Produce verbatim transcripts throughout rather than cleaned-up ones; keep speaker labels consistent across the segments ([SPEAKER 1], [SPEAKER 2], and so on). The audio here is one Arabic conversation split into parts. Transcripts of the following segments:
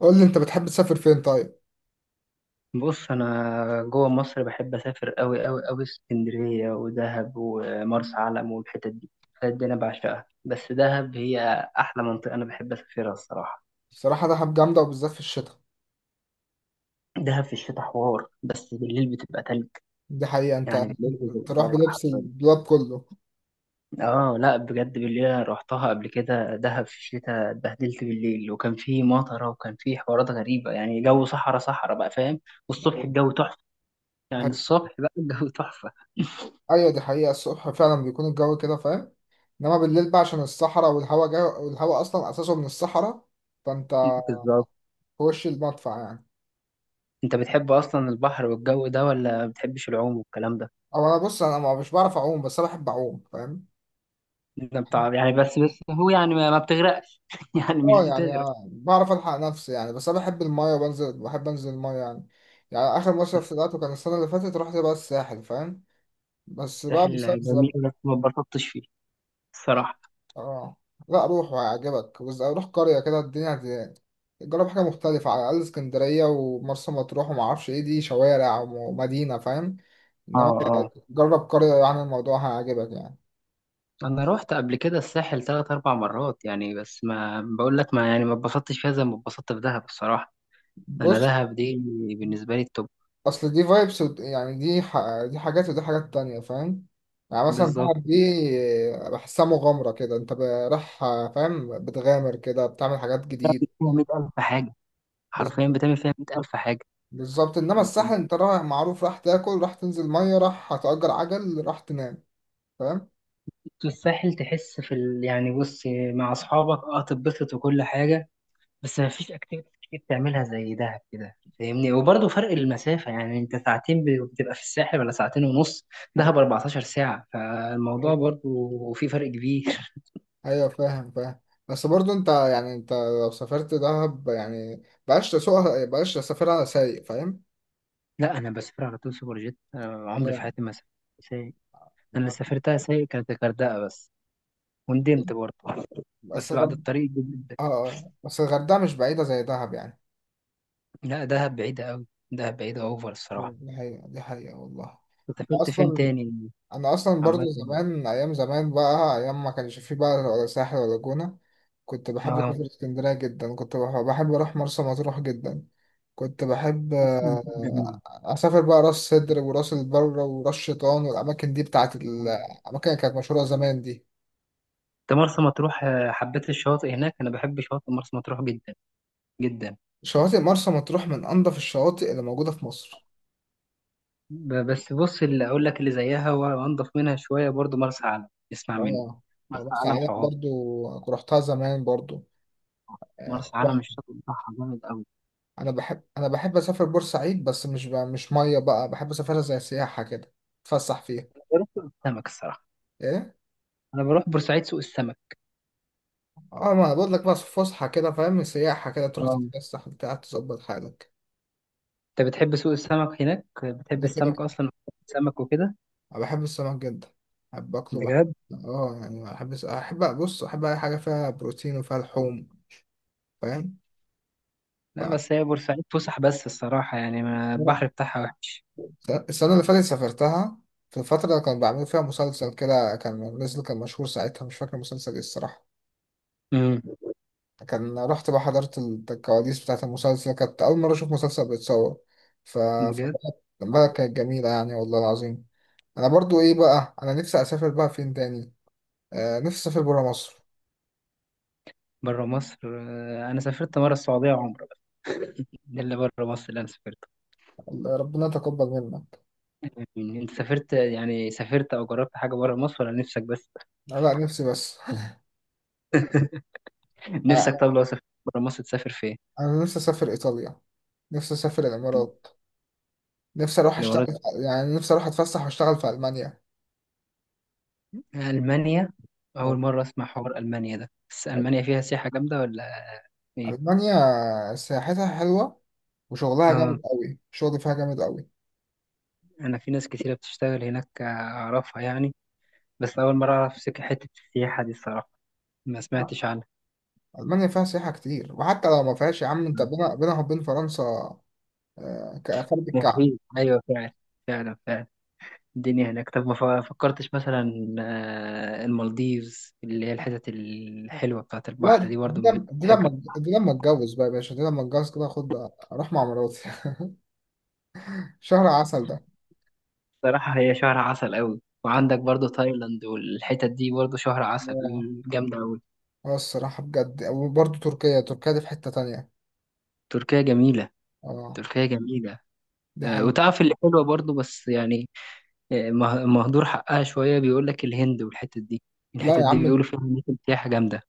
[SPEAKER 1] قول لي انت بتحب تسافر فين طيب.
[SPEAKER 2] بص، انا جوه مصر بحب اسافر قوي قوي قوي: اسكندريه ودهب ومرسى علم والحتت دي. الحتت دي انا بعشقها، بس دهب هي احلى منطقه انا بحب اسافرها الصراحه.
[SPEAKER 1] الصراحه دهب جامده وبالذات في الشتاء.
[SPEAKER 2] دهب في الشتاء حوار، بس بالليل بتبقى تلج،
[SPEAKER 1] دي حقيقه. انت
[SPEAKER 2] يعني بالليل
[SPEAKER 1] تروح
[SPEAKER 2] بتبقى تلج
[SPEAKER 1] بلبس
[SPEAKER 2] حرفيا.
[SPEAKER 1] الدولاب كله.
[SPEAKER 2] اه، لا بجد بالليل انا روحتها قبل كده، دهب في الشتاء اتبهدلت بالليل، وكان في مطره وكان في حوارات غريبه، يعني جو صحراء صحراء بقى، فاهم. والصبح الجو تحفه، يعني الصبح بقى الجو تحفه
[SPEAKER 1] ايوه، دي حقيقه، الصبح فعلا بيكون الجو كده فاهم. انما بالليل بقى عشان الصحراء والهواء جاي، والهواء اصلا اساسه من الصحراء. فانت
[SPEAKER 2] بالظبط.
[SPEAKER 1] في وش المدفع يعني.
[SPEAKER 2] انت بتحب اصلا البحر والجو ده، ولا ما بتحبش العوم والكلام ده؟
[SPEAKER 1] او انا بص، انا ما- مش بعرف اعوم، بس انا بحب اعوم فاهم.
[SPEAKER 2] انت بتاع يعني، بس بس هو يعني ما, ما بتغرقش يعني مش
[SPEAKER 1] اه يعني
[SPEAKER 2] بتغرق.
[SPEAKER 1] بعرف، الحق نفسي يعني، بس انا بحب المايه وبنزل، بحب انزل المايه يعني. يعني اخر مصيف طلعته كان السنه اللي فاتت، رحت بقى الساحل فاهم، بس بقى
[SPEAKER 2] الساحل جميل
[SPEAKER 1] بسبب.
[SPEAKER 2] بس ما اتبسطتش فيه الصراحة.
[SPEAKER 1] اه لا روح وهيعجبك، بس روح قرية كده، الدنيا هت- جرب حاجة مختلفة على الأقل. اسكندرية ومرسى مطروح ومعرفش ايه دي شوارع ومدينة فاهم، انما
[SPEAKER 2] اه، اه،
[SPEAKER 1] جرب قرية، يعني الموضوع هيعجبك يعني.
[SPEAKER 2] انا روحت قبل كده الساحل ثلاث اربع مرات يعني، بس ما بقول لك، ما يعني ما اتبسطتش فيها زي ما اتبسطت في دهب الصراحة. انا
[SPEAKER 1] بص،
[SPEAKER 2] دهب دي بالنسبة لي التوب.
[SPEAKER 1] اصل دي فايبس يعني، دي ح... دي حاجات ودي حاجات تانية فاهم. يعني مثلا
[SPEAKER 2] بالظبط.
[SPEAKER 1] دهب دي بحسها مغامرة كده، انت ب- رايح فاهم، بتغامر كده، بتعمل حاجات جديدة.
[SPEAKER 2] بتعمل فيها مية الف حاجة،
[SPEAKER 1] بس
[SPEAKER 2] حرفيا بتعمل فيها مية الف حاجة.
[SPEAKER 1] بالظبط، انما الساحل انت رايح معروف، راح تاكل راح تنزل ميه راح هتأجر عجل راح تنام فاهم.
[SPEAKER 2] الساحل تحس في ال... يعني بص، مع اصحابك اه تتبسط وكل حاجة، بس ما فيش اكتيفيتيز كتير تعملها زي دهب كده فاهمني، وبرضه فرق المسافة، يعني انت ساعتين ب- بتبقى في الساحل، ولا ساعتين ونص. دهب اربعة عشر ساعة، فالموضوع
[SPEAKER 1] أيوة.
[SPEAKER 2] برضه في فرق كبير
[SPEAKER 1] ايوه فاهم فاهم. بس برضو انت يعني، انت لو سافرت دهب يعني بقاش تسوقها؟ بقاش تسافرها سايق فاهم؟
[SPEAKER 2] لا انا بسافر على طول سوبر جيت، أنا عمري في
[SPEAKER 1] آه.
[SPEAKER 2] حياتي ما سافرت سايق. انا اللي
[SPEAKER 1] معاك.
[SPEAKER 2] سافرتها سايق كانت الغردقة بس، وندمت برضه
[SPEAKER 1] بس
[SPEAKER 2] بس بعد
[SPEAKER 1] غرد...
[SPEAKER 2] الطريق دي جدا.
[SPEAKER 1] اه آه. بس الغردقة مش بعيدة زي دهب يعني.
[SPEAKER 2] لا دهب بعيدة قوي، دهب بعيدة اوفر الصراحة.
[SPEAKER 1] دي حقيقة دي حقيقة والله.
[SPEAKER 2] أنت سافرت فين
[SPEAKER 1] أصلا
[SPEAKER 2] تاني؟
[SPEAKER 1] انا اصلا
[SPEAKER 2] عامة،
[SPEAKER 1] برضو زمان، ايام زمان بقى، ايام ما كانش فيه بقى ولا ساحل ولا جونة، كنت بحب
[SPEAKER 2] اه،
[SPEAKER 1] اسافر اسكندرية جدا، كنت بح- بحب اروح مرسى مطروح جدا، كنت بحب
[SPEAKER 2] أصلا
[SPEAKER 1] آه،
[SPEAKER 2] مطروح جميلة.
[SPEAKER 1] اسافر بقى راس سدر وراس البر وراس شيطان والاماكن دي، بتاعت الاماكن اللي كانت مشهورة زمان دي.
[SPEAKER 2] انت مرسى مطروح، آه، حبيت الشواطئ هناك، انا بحب شواطئ مرسى مطروح جدا جدا.
[SPEAKER 1] شواطئ مرسى مطروح من انضف الشواطئ اللي موجودة في مصر.
[SPEAKER 2] ب- بس بص، اللي اقول لك اللي زيها وانضف منها شويه برضو مرسى علم. اسمع مني.
[SPEAKER 1] اه آه،
[SPEAKER 2] مرسى
[SPEAKER 1] مرسى
[SPEAKER 2] علم
[SPEAKER 1] علم
[SPEAKER 2] حوار.
[SPEAKER 1] برضو رحتها زمان برضو.
[SPEAKER 2] مرسى
[SPEAKER 1] آه،
[SPEAKER 2] علم الشاطئ بتاعها جامد قوي.
[SPEAKER 1] انا بحب انا بحب اسافر بورسعيد، بس مش ب... مش ميه بقى، بحب اسافرها زي سياحه كده، اتفسح فيها.
[SPEAKER 2] بروح سوق السمك الصراحه.
[SPEAKER 1] ايه؟
[SPEAKER 2] انا بروح بورسعيد سوق السمك.
[SPEAKER 1] اه، ما أنا بقول لك بقى، فسحه كده فاهم، سياحه كده، تروح
[SPEAKER 2] اه.
[SPEAKER 1] تتفسح بتاع تظبط حالك.
[SPEAKER 2] انت بتحب سوق السمك هناك، بتحب
[SPEAKER 1] ده كده
[SPEAKER 2] السمك
[SPEAKER 1] كده.
[SPEAKER 2] اصلا؟ السمك وكده.
[SPEAKER 1] انا بحب السمك جدا، بحب
[SPEAKER 2] انت
[SPEAKER 1] اكله بحب.
[SPEAKER 2] بجد؟
[SPEAKER 1] اه يعني بحب الس- احب، بص احب اي حاجه فيها بروتين وفيها لحوم فاهم.
[SPEAKER 2] لا
[SPEAKER 1] ف...
[SPEAKER 2] بس هي بورسعيد فسح بس الصراحه، يعني ما البحر بتاعها وحش.
[SPEAKER 1] السنه اللي فاتت سافرتها، في الفتره اللي كانوا بيعملوا فيها مسلسل كده، كان نزل كان مشهور ساعتها، مش فاكر مسلسل ايه الصراحه.
[SPEAKER 2] امم
[SPEAKER 1] كان رحت بقى، حضرت الكواليس بتاعت المسلسل، كانت أول مرة أشوف مسلسل بيتصور. ف
[SPEAKER 2] بجد.
[SPEAKER 1] فبقى- بقى كانت جميلة يعني والله العظيم. أنا برضو إيه بقى، أنا نفسي أسافر بقى فين تاني؟ آه نفسي أسافر برا مصر.
[SPEAKER 2] بره مصر، آه، انا سافرت مره السعوديه عمره، ده اللي بره مصر اللي انا سافرته.
[SPEAKER 1] ربنا يتقبل منا.
[SPEAKER 2] يعني انت سافرت، يعني سافرت او جربت حاجه بره مصر، ولا نفسك بس؟
[SPEAKER 1] لا نفسي بس.
[SPEAKER 2] نفسك؟
[SPEAKER 1] آه،
[SPEAKER 2] طب لو سافرت بره مصر تسافر فين؟
[SPEAKER 1] أنا نفسي أسافر إيطاليا، نفسي أسافر الإمارات، نفسي أروح أشتغل
[SPEAKER 2] الامارات؟
[SPEAKER 1] يعني، نفسي أروح أتفسح وأشتغل في ألمانيا.
[SPEAKER 2] المانيا؟ اول
[SPEAKER 1] آه،
[SPEAKER 2] مره اسمع حوار المانيا ده، بس المانيا فيها سياحه جامده ولا ايه؟
[SPEAKER 1] ألمانيا سياحتها حلوة، وشغلها
[SPEAKER 2] اه،
[SPEAKER 1] جامد قوي، شغل فيها جامد قوي.
[SPEAKER 2] انا في ناس كتيره بتشتغل هناك اعرفها يعني، بس اول مره اعرف سك- حته السياحه دي الصراحه، ما سمعتش عنها.
[SPEAKER 1] ألمانيا فيها سياحة كتير، وحتى لو ما فيهاش يا عم، أنت بينها بينها وبين فرنسا آه، كفرد الكعب.
[SPEAKER 2] مفيد، ايوه فعلا فعلا فعلا. الدنيا هناك. طب ما ف- فكرتش مثلا، آه، المالديفز اللي هي الحتت الحلوة بتاعت البحر
[SPEAKER 1] لا
[SPEAKER 2] دي، برضو
[SPEAKER 1] دي
[SPEAKER 2] من-
[SPEAKER 1] لما دي
[SPEAKER 2] بتحب؟
[SPEAKER 1] لما دي لما اتجوز بقى يا باشا، دي لما اتجوز كده خد، أروح مع مراتي. شهر عسل ده.
[SPEAKER 2] بصراحة هي شهر عسل قوي، وعندك برضو تايلاند والحتت دي برضو شهر عسل،
[SPEAKER 1] اه
[SPEAKER 2] جامدة قوي.
[SPEAKER 1] آه، الصراحة بجد. وبرضه تركيا، تركيا دي في حتة تانية.
[SPEAKER 2] تركيا جميلة.
[SPEAKER 1] اه
[SPEAKER 2] تركيا جميلة.
[SPEAKER 1] دي
[SPEAKER 2] آه،
[SPEAKER 1] حقيقة.
[SPEAKER 2] وتعرف اللي حلوة برضو بس يعني، آه، مه- مهدور حقها شوية، بيقول لك الهند والحتت دي،
[SPEAKER 1] لا
[SPEAKER 2] الحتت
[SPEAKER 1] يا
[SPEAKER 2] دي
[SPEAKER 1] عم،
[SPEAKER 2] بيقولوا فيها أماكن سياحة جامدة.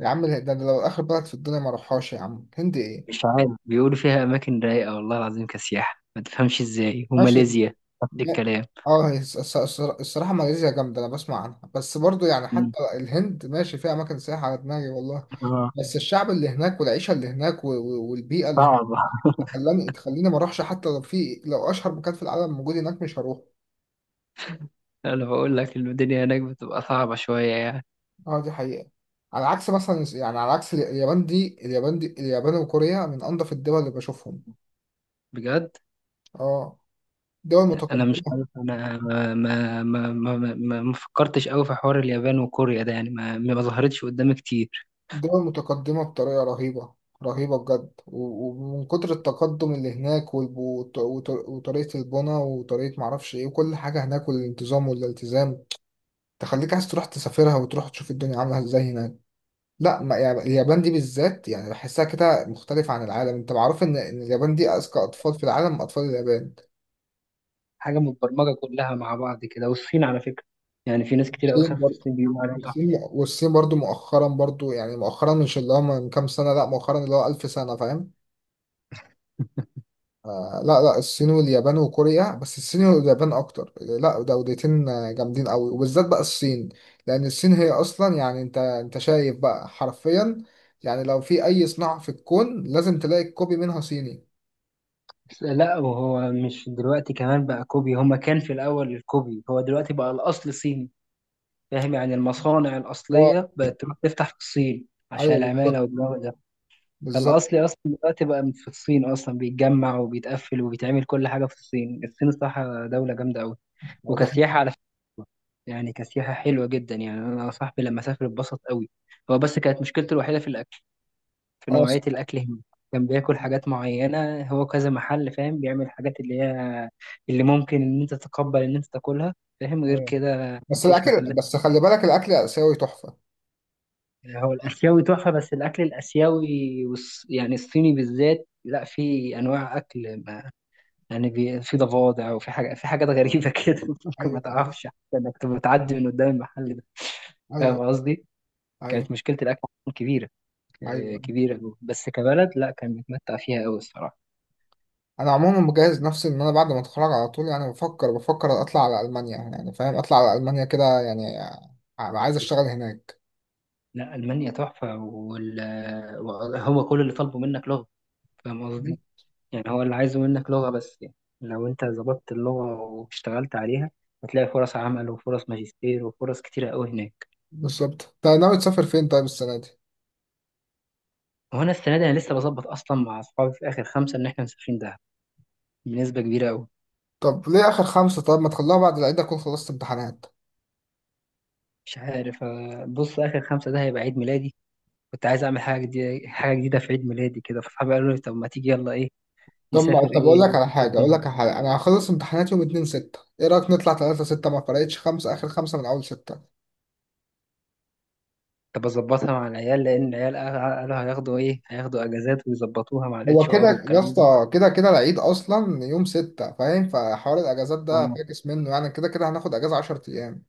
[SPEAKER 1] يا عم ده أنا لو آخر بلد في الدنيا ما أروحهاش يا عم، هند إيه!
[SPEAKER 2] مش عارف، بيقولوا فيها أماكن رايقة والله العظيم كسياحة، ما تفهمش إزاي،
[SPEAKER 1] ماشي.
[SPEAKER 2] وماليزيا نفس
[SPEAKER 1] لا.
[SPEAKER 2] الكلام.
[SPEAKER 1] اه هي الص- الص- الصرا- الصراحة ماليزيا جامدة، أنا بسمع عنها، بس برضه يعني حتى الهند ماشي، فيها أماكن سياحة على دماغي والله.
[SPEAKER 2] آه،
[SPEAKER 1] بس الشعب اللي هناك، والعيشه اللي هناك، و- و- والبيئه اللي هناك
[SPEAKER 2] صعبة.
[SPEAKER 1] تخليني تخليني ما اروحش، حتى لو في، لو اشهر مكان في العالم موجود هناك مش هروح.
[SPEAKER 2] انا بقول لك الدنيا هناك بتبقى صعبة شوية يعني.
[SPEAKER 1] اه دي حقيقه. على عكس مثلا، يعني على عكس اليابان دي، اليابان دي اليابان وكوريا من انظف الدول اللي بشوفهم.
[SPEAKER 2] بجد.
[SPEAKER 1] اه، دول
[SPEAKER 2] انا مش
[SPEAKER 1] متقدمه.
[SPEAKER 2] عارف، انا ما ما ما ما, ما ما فكرتش قوي في حوار اليابان وكوريا ده يعني، ما ما ظهرتش قدامي كتير.
[SPEAKER 1] دول متقدمه بطريقه رهيبه، رهيبه بجد. و- ومن كتر التقدم اللي هناك، والب- وط- وط- وطريقه البنى، وطريقه معرفش ايه، وكل حاجه هناك، والانتظام والالتزام، تخليك عايز تروح تسافرها وتروح تشوف الدنيا عامله ازاي هناك. لا ما يعني اليابان دي بالذات، يعني بحسها كده مختلفة عن العالم. انت معروف ان إن اليابان دي اذكى اطفال في العالم، اطفال اليابان.
[SPEAKER 2] حاجة متبرمجة كلها مع بعض كده. والصين على فكرة، يعني في ناس كتير قوي
[SPEAKER 1] الصين
[SPEAKER 2] سافرت
[SPEAKER 1] برضه.
[SPEAKER 2] الصين بيقولوا عليها تحفة.
[SPEAKER 1] والصين والصين برضه مؤخرا، برضه يعني مؤخرا، مش اللي هو من كام سنة، لا مؤخرا اللي هو ألف سنة فاهم. آه لا لا، الصين واليابان وكوريا، بس الصين واليابان اكتر، لا دولتين آه، جامدين قوي، وبالذات بقى الصين، لان الصين هي اصلا يعني، انت انت شايف بقى حرفيا، يعني لو في اي صناعة في الكون لازم تلاقي كوبي منها صيني.
[SPEAKER 2] بس لا، وهو مش دلوقتي كمان بقى كوبي، هما كان في الاول الكوبي، هو دلوقتي بقى الاصل صيني. فاهم؟ يعني المصانع
[SPEAKER 1] اه
[SPEAKER 2] الاصلية بقت تروح تفتح في الصين عشان
[SPEAKER 1] ايوه
[SPEAKER 2] العمالة
[SPEAKER 1] بالظبط،
[SPEAKER 2] والجو ده.
[SPEAKER 1] بالظبط.
[SPEAKER 2] فالأصلي أصلا دلوقتي بقى في الصين، أصلا بيتجمع وبيتقفل وبيتعمل كل حاجة في الصين. الصين الصراحة دولة جامدة أوي.
[SPEAKER 1] اه ده حقيقي.
[SPEAKER 2] وكسياحة على فكرة، يعني كسياحة حلوة جدا. يعني أنا صاحبي لما سافر اتبسط أوي. هو بس كانت مشكلته الوحيدة في الأكل، في
[SPEAKER 1] اه
[SPEAKER 2] نوعية
[SPEAKER 1] صح.
[SPEAKER 2] الأكل هنا. كان بياكل حاجات معينة، هو كذا محل فاهم بيعمل حاجات اللي هي اللي ممكن إن أنت تتقبل إن أنت تاكلها، فاهم، غير
[SPEAKER 1] ايوه
[SPEAKER 2] كده
[SPEAKER 1] بس
[SPEAKER 2] مفيش
[SPEAKER 1] الاكل،
[SPEAKER 2] محلات.
[SPEAKER 1] بس خلي بالك الاكل اسيوي تحفه.
[SPEAKER 2] هو الآسيوي تحفة، بس الأكل الآسيوي والص- يعني الصيني بالذات، لا في أنواع أكل، يعني بي... في ضفادع وفي حاجة، في حاجات غريبة كده ممكن ما
[SPEAKER 1] ايوه ايوه.
[SPEAKER 2] تعرفش حتى انك تبقى بتعدي من قدام المحل ده.
[SPEAKER 1] ايوه.
[SPEAKER 2] فاهم قصدي؟
[SPEAKER 1] ايوه.
[SPEAKER 2] كانت مشكلة الأكل عندهم كبيرة، آه،
[SPEAKER 1] ايوه
[SPEAKER 2] كبيرة أوي. بس كبلد لا، كان متمتع فيها أوي الصراحة.
[SPEAKER 1] انا عموما مجهز نفسي ان انا بعد ما اتخرج على طول يعني، بفكر بفكر اطلع على المانيا يعني فاهم، اطلع على المانيا كده يعني، ع- عايز اشتغل هناك.
[SPEAKER 2] لا ألمانيا تحفة وال... هو كل اللي طالبه منك لغة. فاهم قصدي؟ يعني هو اللي عايزه منك لغة بس يعني، لو أنت ظبطت اللغة واشتغلت عليها، هتلاقي فرص عمل وفرص ماجستير وفرص كتيرة أوي هناك.
[SPEAKER 1] بالظبط. انت ناوي تسافر فين طيب السنه دي؟
[SPEAKER 2] وأنا السنة دي أنا لسه بظبط أصلا مع أصحابي في آخر خمسة إن إحنا مسافرين دهب بنسبة كبيرة أوي.
[SPEAKER 1] طب ليه اخر خمسه؟ طب ما تخليها بعد العيد، اكون خلصت امتحانات.
[SPEAKER 2] مش عارف، آه، بص، آخر خمسة ده هيبقى عيد ميلادي. كنت عايز أعمل حاجة جديدة، حاجة جديدة في عيد ميلادي كده، فصحابي قالوا لي طب ما تيجي يلا إيه.
[SPEAKER 1] طب ما
[SPEAKER 2] نسافر
[SPEAKER 1] طب اقول
[SPEAKER 2] إيه؟
[SPEAKER 1] لك على
[SPEAKER 2] نسافر
[SPEAKER 1] حاجه اقول
[SPEAKER 2] دهب؟
[SPEAKER 1] لك على حاجه انا هخلص امتحانات يوم اتنين ستة، ايه رايك نطلع تلاتة ستة؟ ما فرقتش خمسه، اخر خمسه من اول ستة.
[SPEAKER 2] طب أظبطها مع العيال، لأن العيال قا- قالوا هياخدوا إيه، هياخدوا أجازات ويظبطوها مع
[SPEAKER 1] هو
[SPEAKER 2] الاتش ار
[SPEAKER 1] كده يا
[SPEAKER 2] والكلام ده.
[SPEAKER 1] اسطى، كده كده العيد اصلا يوم ستة فاهم، فحوار الاجازات ده
[SPEAKER 2] آه.
[SPEAKER 1] فاكس منه، يعني كده كده هناخد اجازة عشرة ايام.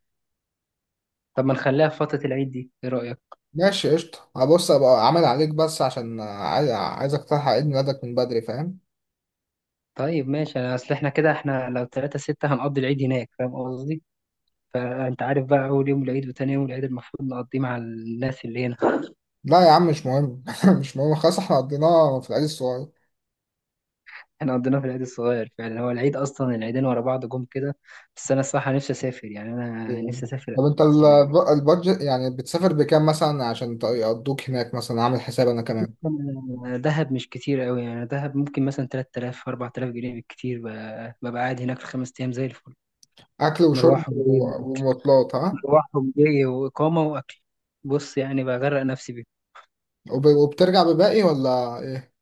[SPEAKER 2] طب ما نخليها في فترة العيد دي، إيه رأيك؟
[SPEAKER 1] ماشي قشطة، هبص ابقى عامل عليك، بس عشان عايز، عايزك تلحق عيد ميلادك من بدري فاهم.
[SPEAKER 2] طيب ماشي، أنا أصل إحنا كده، إحنا لو تلاتة ستة هنقضي العيد هناك، فاهم قصدي؟ فأنت عارف بقى أول يوم العيد وتاني يوم العيد المفروض نقضيه مع الناس اللي هنا.
[SPEAKER 1] لا يا عم مش مهم. مش مهم خلاص، احنا قضيناه في العيد الصغير.
[SPEAKER 2] احنا قضيناه في العيد الصغير فعلا، هو العيد اصلا العيدين ورا بعض جم كده. بس انا الصراحه نفسي اسافر يعني، انا
[SPEAKER 1] يعني.
[SPEAKER 2] نفسي اسافر
[SPEAKER 1] طب انت ال-
[SPEAKER 2] السنه دي.
[SPEAKER 1] البادجت يعني بتسافر بكام مثلا؟ عشان ت- يقضوك هناك مثلا، عامل حساب انا كمان.
[SPEAKER 2] أنا دهب مش كتير قوي، يعني دهب ممكن مثلا ثلاثة آلاف اربعة آلاف جنيه بالكتير، ب- ببقى قاعد هناك في خمس ايام زي الفل.
[SPEAKER 1] اكل وشرب
[SPEAKER 2] مروحهم جاي،
[SPEAKER 1] و- ومواصلات ها؟
[SPEAKER 2] مروحهم جاي واقامه واكل. بص يعني بغرق نفسي بيه.
[SPEAKER 1] وب- وبترجع بباقي ولا ايه؟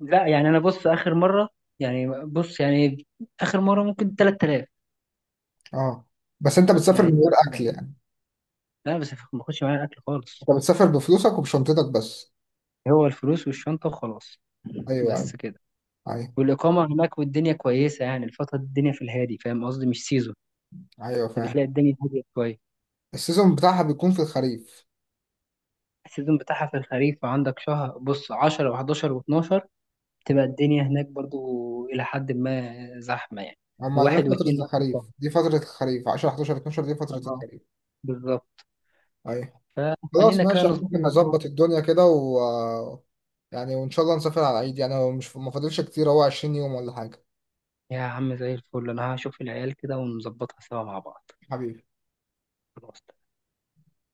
[SPEAKER 2] لا يعني انا بص اخر مره، يعني بص يعني اخر مره ممكن تلات آلاف.
[SPEAKER 1] اه. بس انت بتسافر
[SPEAKER 2] يعني
[SPEAKER 1] من غير
[SPEAKER 2] تلات آلاف.
[SPEAKER 1] اكل يعني؟
[SPEAKER 2] لا بس ما باخدش معايا الاكل خالص.
[SPEAKER 1] انت بتسافر بفلوسك وبشنطتك بس.
[SPEAKER 2] هو الفلوس والشنطه وخلاص،
[SPEAKER 1] ايوه ايوه.
[SPEAKER 2] بس كده.
[SPEAKER 1] ايوه.
[SPEAKER 2] والإقامة هناك والدنيا كويسة يعني الفترة دي الدنيا في الهادي، فاهم قصدي، مش سيزون،
[SPEAKER 1] ايوه فاهم.
[SPEAKER 2] فبتلاقي الدنيا هادية شوية.
[SPEAKER 1] السيزون بتاعها بيكون في الخريف.
[SPEAKER 2] السيزون بتاعها في الخريف، عندك شهر، بص، عشرة وأحد عشر واثنا عشر تبقى الدنيا هناك برضو إلى حد ما زحمة يعني.
[SPEAKER 1] اما ده
[SPEAKER 2] واحد واتنين
[SPEAKER 1] فترة
[SPEAKER 2] نفس الشهر.
[SPEAKER 1] الخريف، دي فترة الخريف، عشرة احد عشر اثنا عشر دي فترة
[SPEAKER 2] اه،
[SPEAKER 1] الخريف.
[SPEAKER 2] بالظبط.
[SPEAKER 1] ايوه. خلاص
[SPEAKER 2] فخلينا كده
[SPEAKER 1] ماشي، احنا ممكن
[SPEAKER 2] نظبطها سوا.
[SPEAKER 1] نظبط الدنيا كده، و يعني وان شاء الله نسافر على العيد يعني، هو مش ما فاضلش كتير، هو عشرين يوم ولا حاجة.
[SPEAKER 2] يا عم زي الفل، أنا هشوف العيال كده ونظبطها سوا مع بعض.
[SPEAKER 1] حبيبي.
[SPEAKER 2] خلاص.